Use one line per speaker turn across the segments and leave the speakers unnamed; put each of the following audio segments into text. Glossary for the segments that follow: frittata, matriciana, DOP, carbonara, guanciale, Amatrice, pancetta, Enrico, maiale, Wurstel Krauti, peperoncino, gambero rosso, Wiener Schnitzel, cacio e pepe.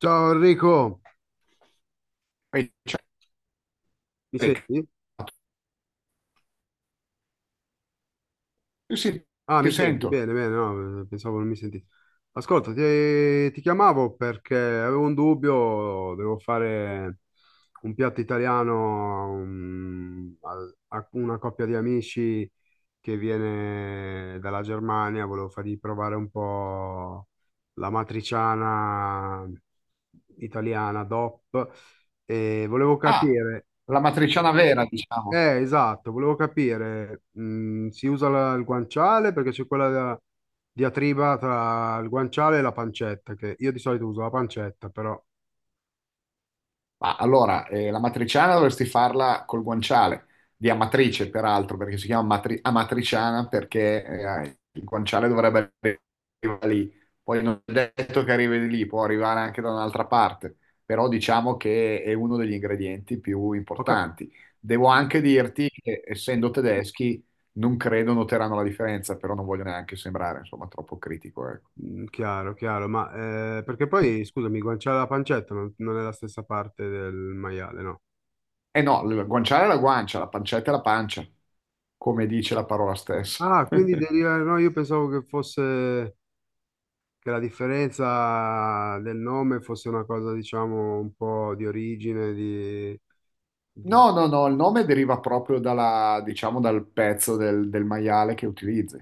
Ciao Enrico,
E cioè,
mi
che cazzo?
senti?
Io sì,
Ah, mi
ti
senti?
sento.
Bene, bene, no, pensavo non mi sentissi. Ascolta, ti chiamavo perché avevo un dubbio, devo fare un piatto italiano a una coppia di amici che viene dalla Germania, volevo fargli provare un po' la matriciana italiana DOP e volevo
Ah,
capire.
la matriciana vera, diciamo.
Esatto, volevo capire, si usa il guanciale perché c'è quella diatriba tra il guanciale e la pancetta, che io di solito uso la pancetta, però
Ma allora, la matriciana dovresti farla col guanciale, di Amatrice peraltro, perché si chiama Amatriciana perché il guanciale dovrebbe arrivare lì. Poi non è detto che arrivi lì, può arrivare anche da un'altra parte, però diciamo che è uno degli ingredienti più
ho cap-
importanti. Devo anche dirti che essendo tedeschi non credo noteranno la differenza, però non voglio neanche sembrare, insomma, troppo critico, ecco.
Chiaro, chiaro, ma perché poi, scusami, il guanciale e la pancetta non è la stessa parte del maiale, no?
Eh no, la guanciale è la guancia, la pancetta è la pancia, come dice la parola stessa.
Ah, quindi deriva, no, io pensavo che fosse, che la differenza del nome fosse una cosa, diciamo, un po' di origine, di-
No, no, no, il nome deriva proprio dalla, diciamo, dal pezzo del maiale che utilizzi.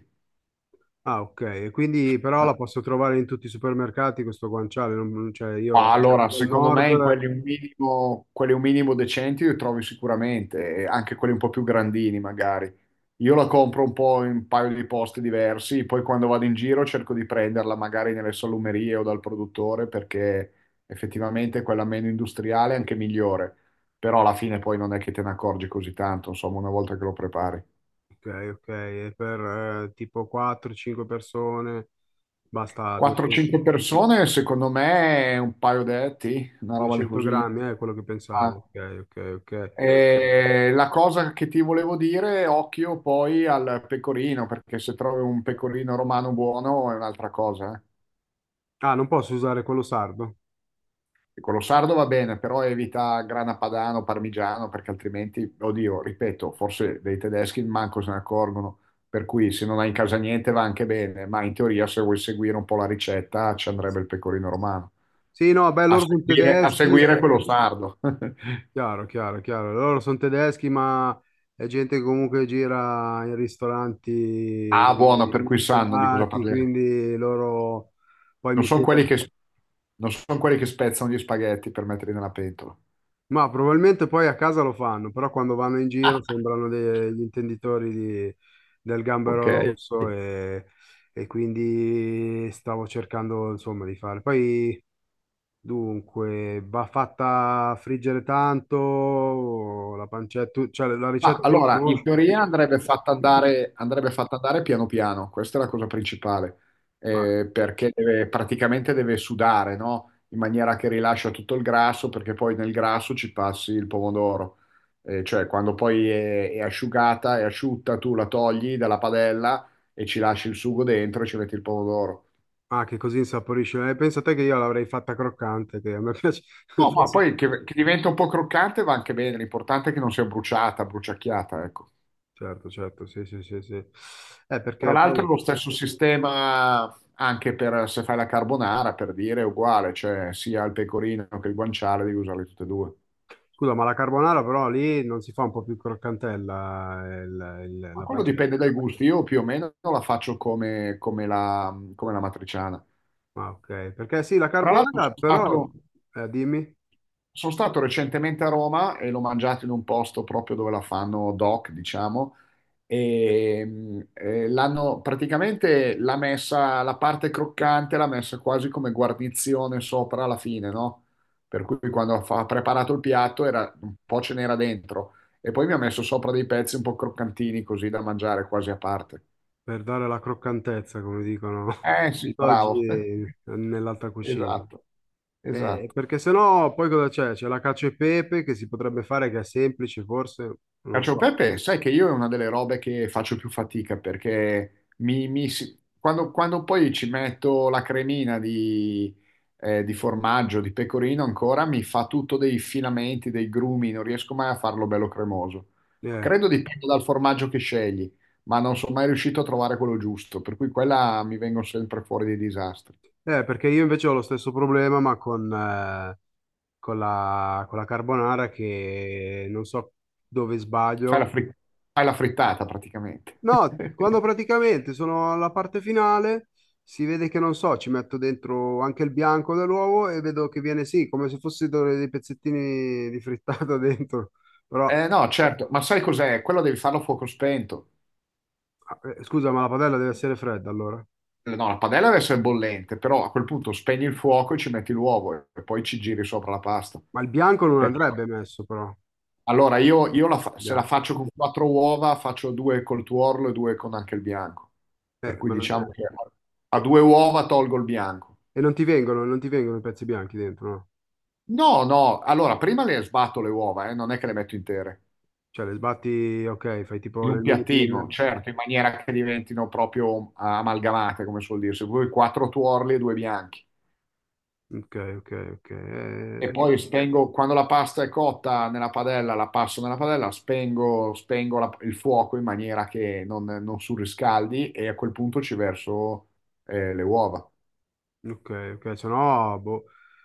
Ah, ok. E quindi però
Ah.
la posso trovare in tutti i supermercati questo guanciale, non cioè
Ma
io
allora,
vado al
secondo me in
nord,
quelli un minimo decenti li trovi sicuramente, e anche quelli un po' più grandini magari. Io la compro un po' in un paio di posti diversi, poi quando vado in giro cerco di prenderla magari nelle salumerie o dal produttore perché effettivamente quella meno industriale è anche migliore, però alla fine poi non è che te ne accorgi così tanto, insomma, una volta che lo prepari.
ok, ok, e per tipo 4-5 persone basta
4-5 persone secondo me un paio detti, una roba di
200
così.
grammi, è quello che
Ah.
pensavo, ok, ok, ok.
La cosa che ti volevo dire, occhio poi al pecorino, perché se trovi un pecorino romano buono è un'altra cosa, eh.
Ah, non posso usare quello sardo?
Quello sardo va bene, però evita grana padano, parmigiano, perché altrimenti, oddio, ripeto, forse dei tedeschi manco se ne accorgono. Per cui se non hai in casa niente va anche bene, ma in teoria se vuoi seguire un po' la ricetta ci andrebbe il pecorino romano.
Sì, no, beh,
A
loro sono
seguire, a
tedeschi,
seguire quello sardo.
chiaro, chiaro, chiaro, loro sono tedeschi, ma è gente che comunque gira in
Ah,
ristoranti
buono, per cui sanno di cosa
stellati,
parliamo.
quindi loro poi
Non
mi
sono quelli
chiedono.
che, non son quelli che spezzano gli spaghetti per metterli nella pentola.
Ma probabilmente poi a casa lo fanno, però quando vanno in giro sembrano degli intenditori del gambero
Ok.
rosso e quindi stavo cercando insomma di fare. Poi dunque va fatta friggere tanto la pancetta, cioè la
Ma
ricetta tu la
allora, in
conosci?
teoria andrebbe fatta andare piano piano, questa è la cosa principale,
Ah,
perché praticamente deve sudare, no? In maniera che rilascia tutto il grasso, perché poi nel grasso ci passi il pomodoro. Cioè, quando poi è asciugata, è asciutta, tu la togli dalla padella e ci lasci il sugo dentro e ci metti il pomodoro.
ah, che così insaporisce. Pensa te che io l'avrei fatta croccante, che a me piace,
No, ma
forse,
poi che diventa un po' croccante va anche bene, l'importante è che non sia bruciata, bruciacchiata, ecco.
certo, certo, sì, sì, sì, sì. Eh,
Tra
perché poi.
l'altro lo stesso sistema anche per se fai la carbonara, per dire, è uguale, cioè sia il pecorino che il guanciale devi usarli tutte e due.
Scusa, ma la carbonara però lì non si fa un po' più croccantella
Ma
la
quello
pancetta.
dipende dai gusti, io più o meno la faccio come la matriciana.
Ah, ok. Perché sì, la
Tra l'altro
carbonara
sono
però,
stato,
dimmi,
sono stato recentemente a Roma e l'ho mangiato in un posto proprio dove la fanno doc, diciamo, e l'ha messa la parte croccante, l'ha messa quasi come guarnizione sopra alla fine, no? Per cui quando ha preparato il piatto era, un po' ce n'era dentro e poi mi ha messo sopra dei pezzi un po' croccantini così da mangiare quasi a parte.
per dare la croccantezza, come dicono
Eh sì, bravo.
oggi nell'alta cucina.
Esatto,
Eh,
esatto.
perché sennò poi cosa c'è? C'è la cacio e pepe che si potrebbe fare, che è semplice forse, non lo
Cacio e
so.
pepe, sai che io è una delle robe che faccio più fatica perché quando poi ci metto la cremina di formaggio, di pecorino ancora, mi fa tutto dei filamenti, dei grumi, non riesco mai a farlo bello cremoso.
Eh,
Credo dipenda dal formaggio che scegli, ma non sono mai riuscito a trovare quello giusto, per cui quella mi vengono sempre fuori dei disastri.
perché io invece ho lo stesso problema, ma con la carbonara che non so dove
Fai la
sbaglio.
fri- fai la frittata praticamente.
No, quando praticamente sono alla parte finale, si vede che non so, ci metto dentro anche il bianco dell'uovo e vedo che viene sì, come se fossero dei pezzettini di frittata dentro. Però,
No, certo, ma sai cos'è? Quello devi farlo a fuoco spento.
scusa, ma la padella deve essere fredda allora.
No, la padella adesso è bollente, però a quel punto spegni il fuoco e ci metti l'uovo e poi ci giri sopra la pasta.
Ma il bianco non
Perché-
andrebbe messo però. Il
allora, io se la
bianco.
faccio con quattro uova, faccio due col tuorlo e due con anche il bianco. Per
Eh,
cui
ma non-
diciamo
eh,
che a due uova tolgo il bianco.
e non ti vengono i pezzi bianchi dentro, no?
No, no, allora prima le sbatto le uova, non è che le metto intere.
Cioè, le sbatti, ok, fai tipo
In un
nel mini pinner.
piattino, certo, in maniera che diventino proprio amalgamate, come suol dirsi. Due quattro tuorli e due bianchi.
Ok, ok, ok.
E poi spengo, quando la pasta è cotta nella padella, la passo nella padella, spengo il fuoco in maniera che non surriscaldi e a quel punto ci verso le uova.
Ok, ok, se no, boh,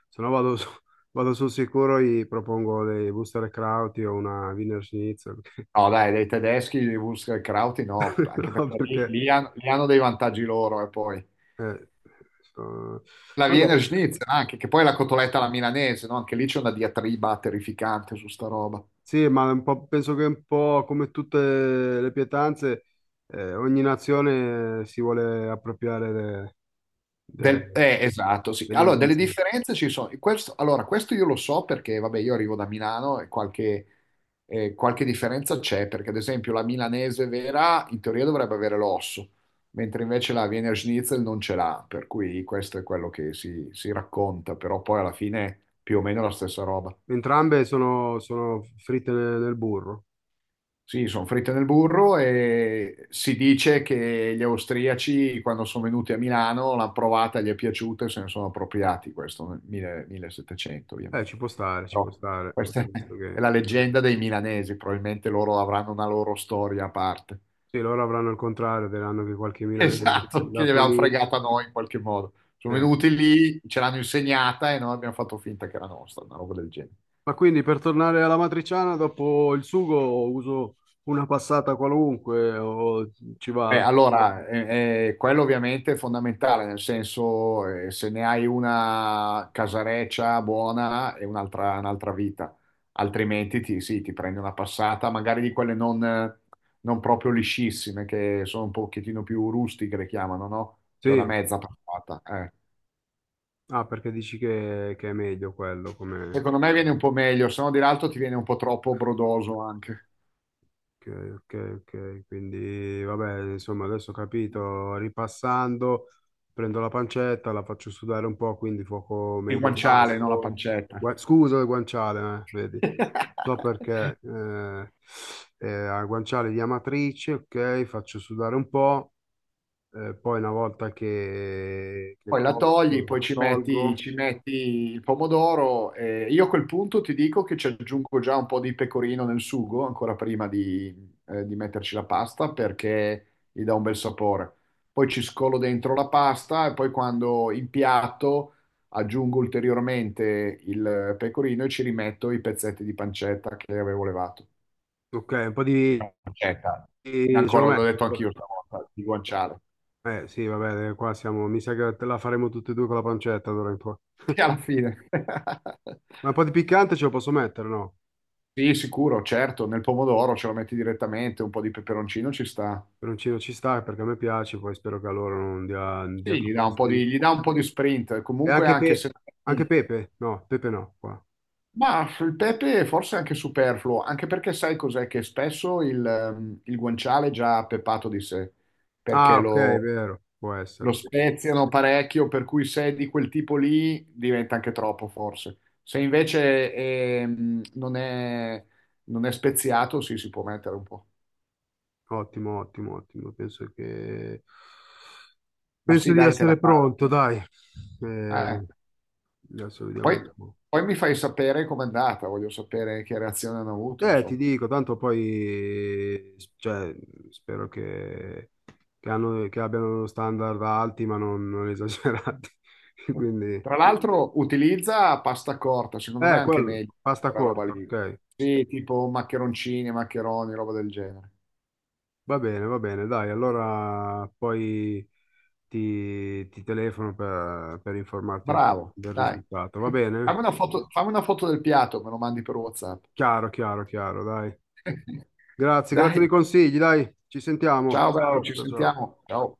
se no vado, vado sul sicuro e propongo dei Wurstel Krauti o una Wiener Schnitzel.
No, dai, dei tedeschi, i Wurstkrauti no, anche
No,
perché lì, lì hanno dei vantaggi loro e poi.
eh, so-
La
vabbè,
Wiener Schnitzel anche, che poi è la cotoletta alla milanese, no? Anche lì c'è una diatriba terrificante su sta roba.
sì, ma un po', penso che un po' come tutte le pietanze, ogni nazione si vuole appropriare de-
Esatto, sì. Allora, delle
dell'invenzione.
differenze ci sono. Questo, allora, questo io lo so perché, vabbè, io arrivo da Milano e qualche differenza c'è, perché ad esempio la milanese vera in teoria dovrebbe avere l'osso, mentre invece la Wiener Schnitzel non ce l'ha, per cui questo è quello che si racconta, però poi alla fine è più o meno la stessa roba.
Entrambe sono fritte nel burro.
Sì, sono fritte nel burro e si dice che gli austriaci, quando sono venuti a Milano, l'hanno provata, gli è piaciuta e se ne sono appropriati, questo nel 1000 1700
Ci
ovviamente.
può stare, ci può
Però
stare.
questa è la leggenda dei milanesi, probabilmente loro avranno una loro storia a parte.
Sì, loro avranno il contrario, diranno che qualche milanese è
Esatto, che gli
andato
avevano
lì.
fregata noi in qualche modo. Sono
Eh.
venuti lì, ce l'hanno insegnata e noi abbiamo fatto finta che era nostra, una roba del genere.
Ma quindi per tornare alla matriciana, dopo il sugo uso una passata qualunque o ci
Eh,
va?
allora, eh, eh, quello ovviamente è fondamentale, nel senso se ne hai una casareccia buona è un'altra vita, altrimenti ti, sì, ti prendi una passata, magari di quelle non proprio liscissime, che sono un pochettino più rustiche, le chiamano, no? Cioè una
Sì.
mezza passata, eh.
Ah, perché dici che è meglio quello come.
Secondo me viene un po' meglio, se no di l'altro ti viene un po' troppo brodoso anche.
Ok, ok, ok. Quindi, vabbè, insomma, adesso ho capito. Ripassando, prendo la pancetta, la faccio sudare un po', quindi fuoco
Il guanciale, non la
medio-basso.
pancetta.
Scusa, le guanciale, vedi. So perché a guanciale di Amatrice, ok, faccio sudare un po', poi una volta che
Poi la togli,
cotto,
poi ci metti,
tolgo,
ci metti il pomodoro. E io a quel punto ti dico che ci aggiungo già un po' di pecorino nel sugo, ancora prima di metterci la pasta, perché gli dà un bel sapore. Poi ci scolo dentro la pasta e poi quando impiatto aggiungo ulteriormente il pecorino e ci rimetto i pezzetti di pancetta che avevo levato.
ok, un po'
Pancetta.
ce lo
Ancora l'ho detto
metto.
anch'io stavolta, di guanciale.
Eh sì, vabbè, qua siamo, mi sa che te la faremo tutti e due con la pancetta d'ora in poi.
Sì, alla fine.
Ma un po' di piccante ce lo posso mettere, no?
Sì, sicuro, certo, nel pomodoro ce lo metti direttamente, un po' di peperoncino ci sta.
Peperoncino ci sta perché a me piace, poi spero che a loro non dia
Sì, gli
troppo
dà un po'
fastidio.
di, gli dà un po' di sprint,
E
comunque
anche,
anche se... Mm.
anche Pepe? No, Pepe no, qua.
Ma il pepe forse è anche superfluo, anche perché sai cos'è? Che spesso il guanciale è già pepato di sé, perché
Ah, ok, è
lo,
vero, può essere,
lo
sì.
speziano parecchio, per cui se è di quel tipo lì diventa anche troppo forse. Se invece non è speziato, sì, si può mettere un po'.
Ottimo, ottimo, ottimo.
Ma
Penso
sì,
di
dai, te la
essere
cavo.
pronto, dai.
Eh.
Eh, adesso vediamo un
Poi,
po'.
poi mi fai sapere com'è andata, voglio sapere che reazione hanno avuto,
Ti
insomma.
dico, tanto poi, cioè, spero che abbiano standard alti, ma non esagerati. Quindi,
Tra l'altro utilizza pasta corta, secondo me è anche
quello,
meglio
pasta
quella roba
corta,
lì.
ok.
Sì, tipo maccheroncini, maccheroni, roba del genere.
Va bene, dai, allora poi ti telefono per informarti un po'
Bravo,
del
dai.
risultato, va bene?
Fammi una foto del piatto, me lo mandi per WhatsApp.
Chiaro, chiaro, chiaro, dai. Grazie, grazie
Dai,
dei consigli, dai, ci sentiamo.
ciao bello,
Ciao,
ci
ciao, ciao.
sentiamo. Ciao.